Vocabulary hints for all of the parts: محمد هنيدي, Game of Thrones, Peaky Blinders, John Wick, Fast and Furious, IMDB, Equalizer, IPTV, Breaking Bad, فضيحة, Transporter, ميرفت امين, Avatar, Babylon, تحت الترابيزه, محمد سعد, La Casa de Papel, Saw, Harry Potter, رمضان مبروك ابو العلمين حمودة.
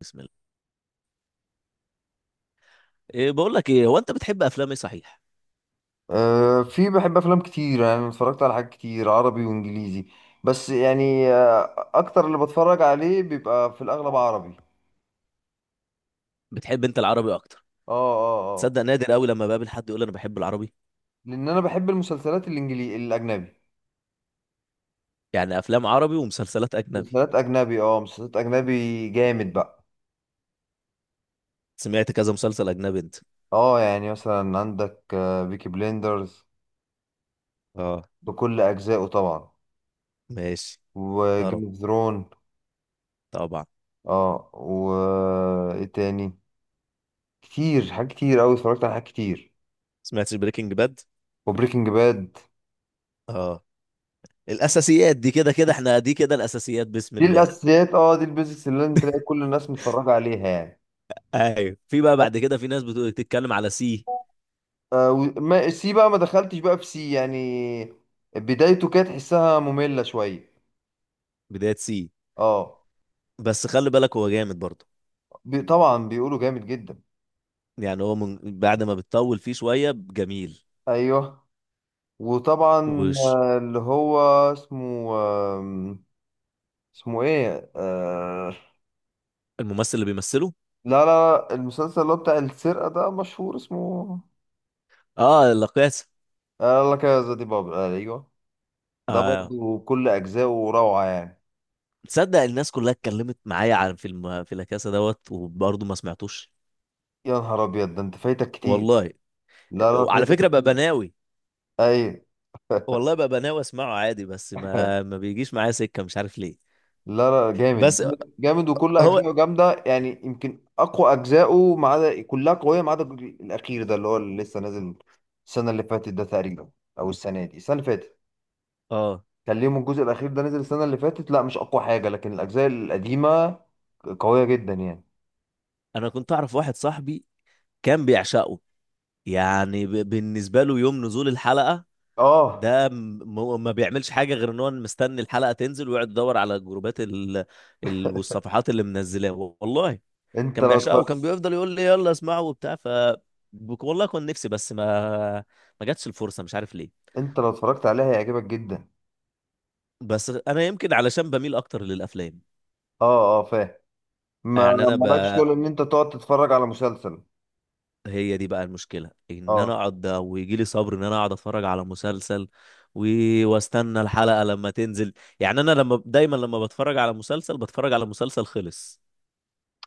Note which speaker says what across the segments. Speaker 1: بسم الله. إيه، بقول لك ايه، هو انت بتحب افلام ايه صحيح؟
Speaker 2: أه، في بحب افلام كتير، يعني اتفرجت على حاجات كتير عربي وانجليزي. بس يعني اكتر اللي بتفرج عليه بيبقى في الاغلب عربي.
Speaker 1: بتحب انت العربي اكتر؟
Speaker 2: اه اه اه.
Speaker 1: تصدق نادر قوي لما بقابل حد يقول انا بحب العربي.
Speaker 2: لان انا بحب المسلسلات الانجليزي الاجنبي.
Speaker 1: يعني افلام عربي ومسلسلات اجنبي؟
Speaker 2: مسلسلات اجنبي، اه مسلسلات اجنبي جامد بقى.
Speaker 1: سمعت كذا مسلسل اجنبي انت؟
Speaker 2: اه يعني مثلا عندك بيكي بليندرز،
Speaker 1: اه،
Speaker 2: بكل اجزائه طبعا،
Speaker 1: ماشي.
Speaker 2: وجيم
Speaker 1: طرب.
Speaker 2: اوف ثرون.
Speaker 1: طبعا.
Speaker 2: اه و ايه تاني؟ كتير، حاجات كتير اوي، اتفرجت على حاجات كتير.
Speaker 1: سمعتش بريكنج باد؟
Speaker 2: وبريكنج باد.
Speaker 1: اه. الاساسيات دي كده كده، احنا دي كده الاساسيات، بسم
Speaker 2: دي
Speaker 1: الله.
Speaker 2: الاساسيات. اه دي البيزكس اللي انت تلاقي كل الناس متفرجه عليها يعني.
Speaker 1: ايوه، في بقى بعد كده في ناس بتقول تتكلم على سي.
Speaker 2: وما سي بقى، ما دخلتش بقى في سي يعني. بدايته كانت تحسها ممله شويه.
Speaker 1: بداية سي؟
Speaker 2: اه،
Speaker 1: بس خلي بالك هو جامد برضه.
Speaker 2: بي طبعا بيقولوا جامد جدا.
Speaker 1: يعني هو من بعد ما بتطول فيه شوية جميل.
Speaker 2: ايوه. وطبعا
Speaker 1: وش؟
Speaker 2: اللي هو اسمه، اسمه ايه،
Speaker 1: الممثل اللي بيمثله؟
Speaker 2: لا لا، المسلسل اللي هو بتاع السرقه ده مشهور، اسمه
Speaker 1: اه. لا.
Speaker 2: لا كذا. دي بابل، آه ايوه، ده
Speaker 1: آه.
Speaker 2: برضو كل اجزائه روعه يعني.
Speaker 1: تصدق الناس كلها اتكلمت معايا عن فيلم في لاكاسا دوت وبرضه ما سمعتوش.
Speaker 2: يا نهار ابيض، ده انت فايتك كتير.
Speaker 1: والله.
Speaker 2: لا لا،
Speaker 1: على
Speaker 2: فايتك
Speaker 1: فكرة بقى
Speaker 2: كتير.
Speaker 1: بناوي.
Speaker 2: ايوه.
Speaker 1: والله بقى بناوي اسمعه عادي، بس ما بيجيش معايا سكة، مش عارف ليه.
Speaker 2: لا لا، جامد
Speaker 1: بس
Speaker 2: جامد جامد، وكل
Speaker 1: هو
Speaker 2: اجزائه جامده يعني. يمكن اقوى اجزائه، ما عدا كلها قويه ما عدا الجزء الاخير ده اللي هو اللي لسه نازل السنه اللي فاتت ده تقريبا، او السنه دي، السنه اللي فاتت.
Speaker 1: اه.
Speaker 2: كان ليهم الجزء الاخير ده نزل السنه اللي فاتت، لا مش اقوى حاجه، لكن الاجزاء القديمه قويه جدا يعني.
Speaker 1: انا كنت اعرف واحد صاحبي. كان بيعشقه. يعني بالنسبة له يوم نزول الحلقة.
Speaker 2: اه.
Speaker 1: ده ما بيعملش حاجة غير ان هو مستني الحلقة تنزل ويقعد يدور على الجروبات والصفحات اللي منزلاها. والله
Speaker 2: انت
Speaker 1: كان
Speaker 2: لو
Speaker 1: بيعشقها
Speaker 2: اتفرج...
Speaker 1: وكان بيفضل يقول لي يلا اسمعه وبتاع والله كان نفسي، بس ما جاتش الفرصة، مش عارف ليه.
Speaker 2: انت لو اتفرجت عليها هيعجبك جدا.
Speaker 1: بس انا يمكن علشان بميل اكتر للافلام.
Speaker 2: اه اه، فاهم. ما
Speaker 1: يعني
Speaker 2: مالكش شغل ان انت تقعد تتفرج على مسلسل.
Speaker 1: هي دي بقى المشكلة ان انا
Speaker 2: اه
Speaker 1: اقعد ويجي لي صبر ان انا اقعد اتفرج على مسلسل و... واستنى الحلقة لما تنزل. يعني انا لما دايما لما بتفرج على مسلسل بتفرج على مسلسل خلص.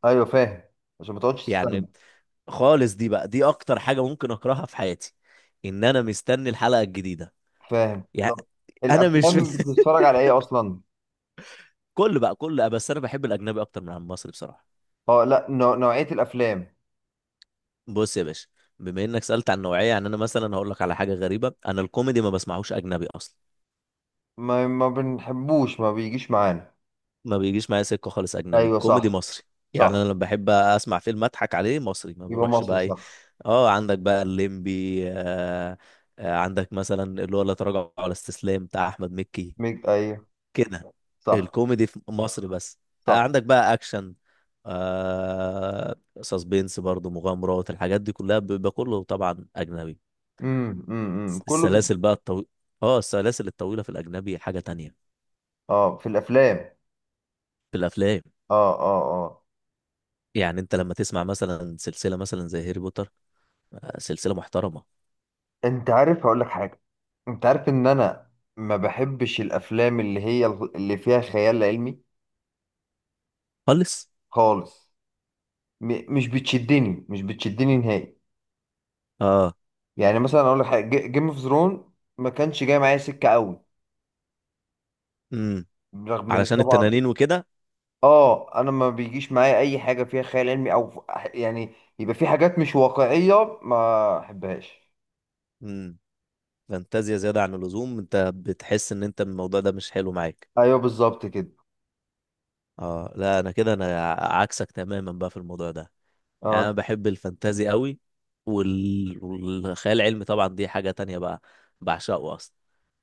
Speaker 2: ايوه فاهم، عشان ما تقعدش تستنى.
Speaker 1: يعني خالص، دي بقى دي اكتر حاجة ممكن اكرهها في حياتي، ان انا مستني الحلقة الجديدة.
Speaker 2: فاهم.
Speaker 1: يعني
Speaker 2: طب
Speaker 1: انا مش
Speaker 2: الافلام بتتفرج على ايه اصلا؟
Speaker 1: كل بقى كل، بس انا بحب الاجنبي اكتر من المصري بصراحه.
Speaker 2: اه لا، نوعية الافلام.
Speaker 1: بص يا باشا، بما انك سالت عن نوعيه، يعني انا مثلا هقول لك على حاجه غريبه، انا الكوميدي ما بسمعوش اجنبي اصلا.
Speaker 2: ما بنحبوش، ما بيجيش معانا.
Speaker 1: ما بيجيش معايا سكه خالص اجنبي،
Speaker 2: ايوه،
Speaker 1: الكوميدي
Speaker 2: صح
Speaker 1: مصري. يعني انا
Speaker 2: صح،
Speaker 1: لما بحب اسمع فيلم اضحك عليه مصري ما
Speaker 2: يبقى
Speaker 1: بروحش
Speaker 2: مصر
Speaker 1: بقى ايه.
Speaker 2: صح.
Speaker 1: اه، عندك بقى الليمبي آه. عندك مثلا اللي هو لا تراجع ولا استسلام بتاع احمد مكي،
Speaker 2: ميج، ايوه،
Speaker 1: كده.
Speaker 2: صح.
Speaker 1: الكوميدي في مصر بس.
Speaker 2: صح.
Speaker 1: عندك بقى اكشن، آه، سسبينس، برضو مغامرات، الحاجات دي كلها بيبقى كله طبعا اجنبي.
Speaker 2: إمم.
Speaker 1: السلاسل بقى الطويلة. اه، السلاسل الطويلة في الاجنبي حاجة تانية.
Speaker 2: اه في الافلام.
Speaker 1: في الافلام.
Speaker 2: اه اه اه.
Speaker 1: يعني انت لما تسمع مثلا سلسلة مثلا زي هاري بوتر، آه سلسلة محترمة.
Speaker 2: انت عارف هقول لك حاجة، انت عارف ان انا ما بحبش الافلام اللي هي اللي فيها خيال علمي
Speaker 1: خالص.
Speaker 2: خالص. مش بتشدني، مش بتشدني نهائي.
Speaker 1: اه.
Speaker 2: يعني مثلا اقول لك حاجه، جيم اوف ثرون ما كانش جاي معايا سكه قوي،
Speaker 1: امم
Speaker 2: رغم ان
Speaker 1: علشان
Speaker 2: طبعا،
Speaker 1: التنانين وكده.
Speaker 2: اه انا ما بيجيش معايا اي حاجه فيها خيال علمي يعني يبقى في حاجات مش واقعيه، ما احبهاش.
Speaker 1: امم فانتازيا زيادة عن اللزوم، انت بتحس ان انت الموضوع ده مش حلو معاك.
Speaker 2: ايوه بالظبط كده.
Speaker 1: اه لا، انا كده انا عكسك تماما بقى في الموضوع ده. يعني انا
Speaker 2: اه،
Speaker 1: بحب الفانتازي قوي والخيال العلمي طبعا دي حاجة تانية بقى، بعشقه اصلا.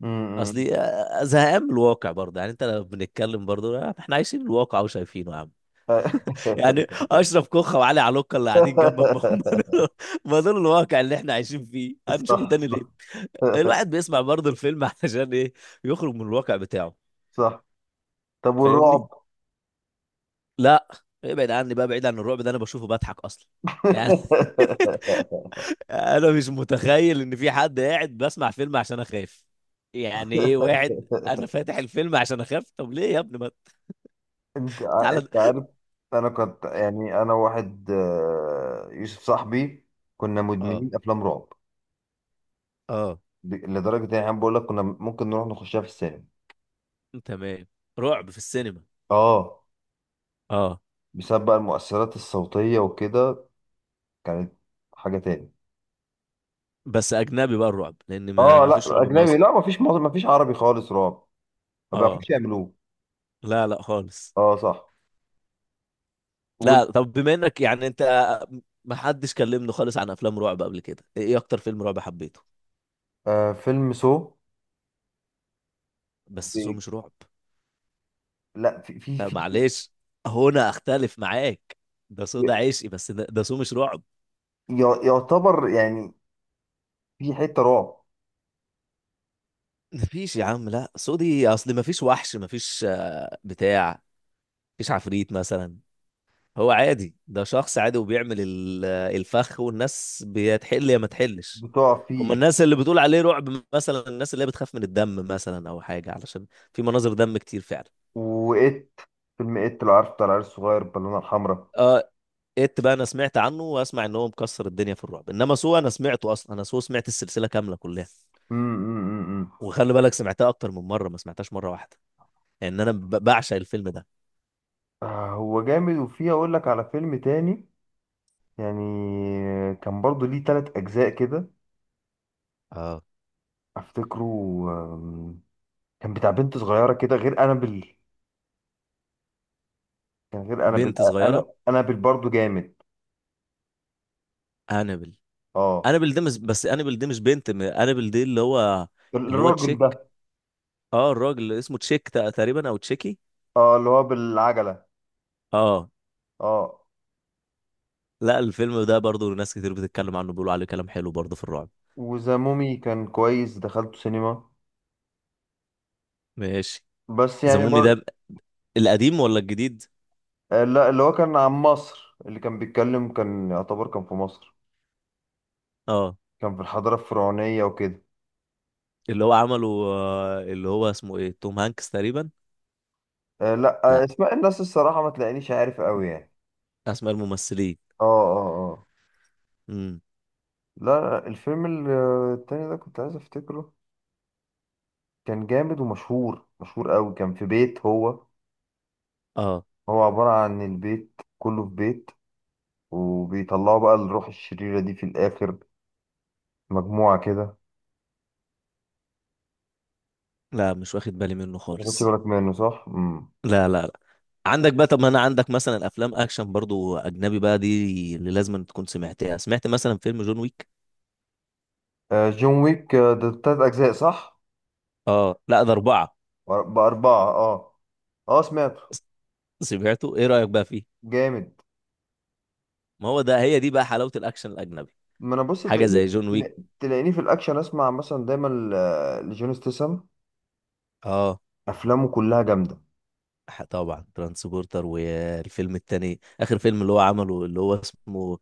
Speaker 2: امم.
Speaker 1: اصلي زهقان من الواقع برضه. يعني انت لو بنتكلم برضه احنا عايشين الواقع وشايفينه يا عم. يعني اشرف كوخه وعلي علوكه اللي قاعدين جنبك، ما هم دول، ما دول الواقع اللي احنا عايشين فيه، هنشوفه
Speaker 2: صح
Speaker 1: تاني
Speaker 2: صح.
Speaker 1: ليه؟ الواحد بيسمع برضه الفيلم علشان ايه؟ يخرج من الواقع بتاعه.
Speaker 2: صح. طب
Speaker 1: فاهمني؟
Speaker 2: والرعب؟
Speaker 1: لا، ابعد عني بقى، بعيد عن الرعب ده انا بشوفه بضحك اصلا. يعني انا مش متخيل ان في حد قاعد بسمع فيلم عشان اخاف. يعني ايه واحد انا فاتح الفيلم عشان اخاف؟ طب ليه يا ابني، ما تعالى.
Speaker 2: انت عارف، انا كنت يعني انا واحد، يوسف صاحبي، كنا
Speaker 1: اه،
Speaker 2: مدمنين افلام رعب.
Speaker 1: اه.
Speaker 2: لدرجه ان احنا بقول لك كنا ممكن نروح نخشها في السينما.
Speaker 1: تمام. رعب في السينما.
Speaker 2: اه،
Speaker 1: اه.
Speaker 2: بسبب بقى المؤثرات الصوتيه وكده، كانت حاجه تاني.
Speaker 1: بس اجنبي بقى الرعب، لان ما
Speaker 2: اه
Speaker 1: ما فيش
Speaker 2: لا
Speaker 1: رعب
Speaker 2: اجنبي،
Speaker 1: مصري.
Speaker 2: لا مفيش عربي خالص رعب، ما
Speaker 1: اه
Speaker 2: بيعرفوش يعملوه.
Speaker 1: لا، لا خالص.
Speaker 2: اه صح. وال-
Speaker 1: لا طب، بما انك يعني انت ما حدش كلمني خالص عن افلام رعب قبل كده، ايه اكتر فيلم رعب حبيته؟
Speaker 2: فيلم سو.
Speaker 1: بس سو
Speaker 2: ب-
Speaker 1: مش رعب.
Speaker 2: لا في في
Speaker 1: لا
Speaker 2: في
Speaker 1: معلش، هنا اختلف معاك. ده سو
Speaker 2: ي-
Speaker 1: ده عشقي، بس ده سو مش رعب.
Speaker 2: يعتبر يعني، في حته رعب
Speaker 1: مفيش يا عم لا، سودي اصل مفيش وحش، مفيش آه، بتاع مفيش عفريت مثلا. هو عادي، ده شخص عادي وبيعمل الفخ، والناس بتحل يا ما تحلش.
Speaker 2: بتقع
Speaker 1: هم
Speaker 2: فيه.
Speaker 1: الناس اللي بتقول عليه رعب مثلا الناس اللي هي بتخاف من الدم مثلا او حاجه، علشان في مناظر دم كتير فعلا.
Speaker 2: وإت، فيلم إت لو عارف، بتاع العيال الصغير بالونة الحمراء.
Speaker 1: اه. ات بقى انا سمعت عنه واسمع ان هو مكسر الدنيا في الرعب، انما سو انا سمعته اصلا. انا سو سمعت السلسله كامله كلها،
Speaker 2: أمم، أمم، أمم، أمم.
Speaker 1: وخلي بالك سمعتها اكتر من مره، ما سمعتهاش مره واحده، لان يعني انا بعشق الفيلم ده.
Speaker 2: آه، هو جامد. وفيه أقول لك على فيلم تاني يعني، كان برضو ليه تلات أجزاء كده،
Speaker 1: اه.
Speaker 2: أفتكره. آم، كان بتاع بنت صغيرة كده، غير أنابل. كان غير أنابل،
Speaker 1: بنت صغيره.
Speaker 2: أنا أنابل برضو جامد.
Speaker 1: انابل.
Speaker 2: أه
Speaker 1: انابل ده مش، بس انابل ده مش بنت انابل ده اللي هو، اللي هو
Speaker 2: الراجل
Speaker 1: تشيك.
Speaker 2: ده.
Speaker 1: اه، الراجل اللي اسمه تشيك تقريبا او تشيكي.
Speaker 2: أه اللي هو بالعجلة.
Speaker 1: اه.
Speaker 2: أه.
Speaker 1: لا، الفيلم ده برضو ناس كتير بتتكلم عنه بيقولوا عليه كلام حلو برضو في الرعب.
Speaker 2: وذا مومي كان كويس، دخلته سينما.
Speaker 1: ماشي.
Speaker 2: بس يعني
Speaker 1: زمومي
Speaker 2: بر...
Speaker 1: ده القديم ولا الجديد؟
Speaker 2: آه، لا اللي هو كان عن مصر، اللي كان بيتكلم كان يعتبر كان في مصر،
Speaker 1: اه،
Speaker 2: كان في الحضارة الفرعونية وكده.
Speaker 1: اللي هو عمله اللي هو اسمه ايه، توم هانكس تقريبا.
Speaker 2: لا،
Speaker 1: لا،
Speaker 2: اسماء الناس، الصراحة ما تلاقينيش عارف قوي يعني.
Speaker 1: اسماء الممثلين.
Speaker 2: اه اه اه.
Speaker 1: امم
Speaker 2: لا لا، التاني ده كنت عايز افتكره، كان جامد ومشهور، مشهور قوي، كان في بيت، هو
Speaker 1: اه
Speaker 2: هو عبارة عن البيت كله في بيت، وبيطلعوا بقى الروح الشريرة دي في الآخر، مجموعة كده.
Speaker 1: لا، مش واخد بالي منه
Speaker 2: ما خدتش
Speaker 1: خالص.
Speaker 2: بالك منه صح؟ مم.
Speaker 1: لا لا لا. عندك بقى، طب ما انا عندك مثلا افلام اكشن برضو اجنبي بقى دي اللي لازم تكون سمعتها. سمعت مثلا فيلم جون ويك؟
Speaker 2: آه جون ويك، ده تلات أجزاء صح؟
Speaker 1: اه لا ده اربعة.
Speaker 2: بأربعة، اه. اه سمعته.
Speaker 1: س- سمعته، ايه رأيك بقى فيه؟
Speaker 2: جامد.
Speaker 1: ما هو ده، هي دي بقى حلاوة الاكشن الاجنبي،
Speaker 2: ما انا بص
Speaker 1: حاجة زي جون ويك.
Speaker 2: تلاقيني في الاكشن، اسمع مثلا دايما لجون ستيسم،
Speaker 1: اه.
Speaker 2: افلامه كلها جامده.
Speaker 1: طبعا ترانسبورتر، والفيلم التاني، اخر فيلم اللي هو عمله اللي هو اسمه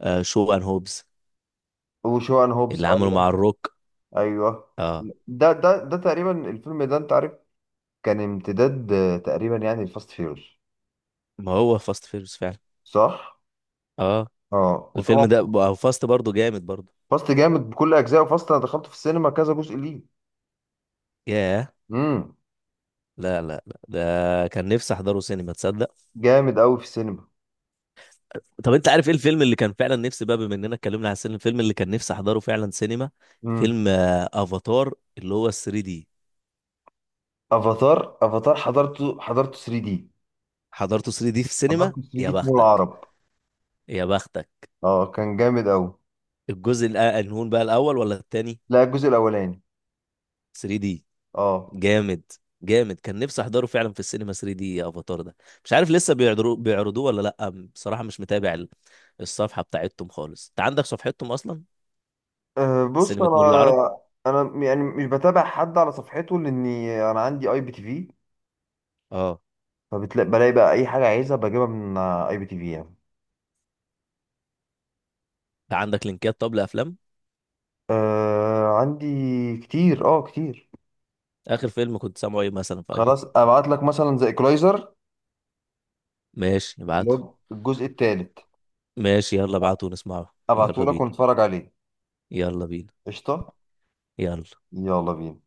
Speaker 1: شو ان هوبز،
Speaker 2: وشوان هوبز،
Speaker 1: اللي عمله
Speaker 2: ايوه.
Speaker 1: مع الروك.
Speaker 2: ايوه.
Speaker 1: اه.
Speaker 2: ده تقريبا الفيلم ده، انت عارف كان امتداد تقريبا يعني الفاست فيروس.
Speaker 1: ما هو فاست فيرس فعلا.
Speaker 2: صح.
Speaker 1: اه.
Speaker 2: اه
Speaker 1: الفيلم
Speaker 2: وطبعا،
Speaker 1: ده فاست برضو جامد برضو.
Speaker 2: فاست جامد بكل اجزائه. فاست انا دخلت في السينما كذا جزء ليه.
Speaker 1: ياه.
Speaker 2: امم.
Speaker 1: لا لا لا، ده كان نفسي احضره سينما تصدق.
Speaker 2: جامد قوي في السينما.
Speaker 1: طب انت عارف ايه الفيلم اللي كان فعلا نفسي بقى، بما اننا اتكلمنا على السينما، الفيلم اللي كان نفسي احضره فعلا سينما؟
Speaker 2: امم.
Speaker 1: فيلم افاتار اللي هو 3 دي.
Speaker 2: افاتار، افاتار حضرته، حضرته 3 دي.
Speaker 1: حضرته 3 دي في السينما،
Speaker 2: حضرته 3
Speaker 1: يا
Speaker 2: دي في مول
Speaker 1: بختك.
Speaker 2: العرب.
Speaker 1: يا بختك.
Speaker 2: اه كان جامد قوي.
Speaker 1: الجزء الأنهون بقى، الاول ولا التاني؟
Speaker 2: لا الجزء الاولاني.
Speaker 1: 3 دي؟
Speaker 2: اه.
Speaker 1: جامد. جامد، كان نفسي احضره فعلا في السينما 3 دي يا افاتار ده. مش عارف لسه بيعرضوه بيعرضوه ولا لا. بصراحة مش متابع الصفحة بتاعتهم خالص، انت عندك صفحتهم اصلا؟
Speaker 2: بص
Speaker 1: سينما مول
Speaker 2: انا،
Speaker 1: العرب.
Speaker 2: انا يعني مش بتابع حد على صفحته، لاني انا عندي اي بي تي في،
Speaker 1: اه.
Speaker 2: فبتلاقي بقى اي حاجه عايزها بجيبها من اي بي تي في يعني.
Speaker 1: انت عندك لينكات طب لافلام؟
Speaker 2: أه عندي كتير، اه كتير.
Speaker 1: اخر فيلم كنت سامعه ايه مثلا في اي بي
Speaker 2: خلاص
Speaker 1: دي؟
Speaker 2: ابعت لك مثلا زي ايكولايزر،
Speaker 1: ماشي
Speaker 2: اللي
Speaker 1: ابعته.
Speaker 2: هو الجزء الثالث.
Speaker 1: ماشي يلا ابعته ونسمعه،
Speaker 2: ابعته
Speaker 1: يلا
Speaker 2: لك
Speaker 1: بينا.
Speaker 2: ونتفرج عليه.
Speaker 1: يلا بينا.
Speaker 2: قشطه.
Speaker 1: يلا.
Speaker 2: يلا بينا.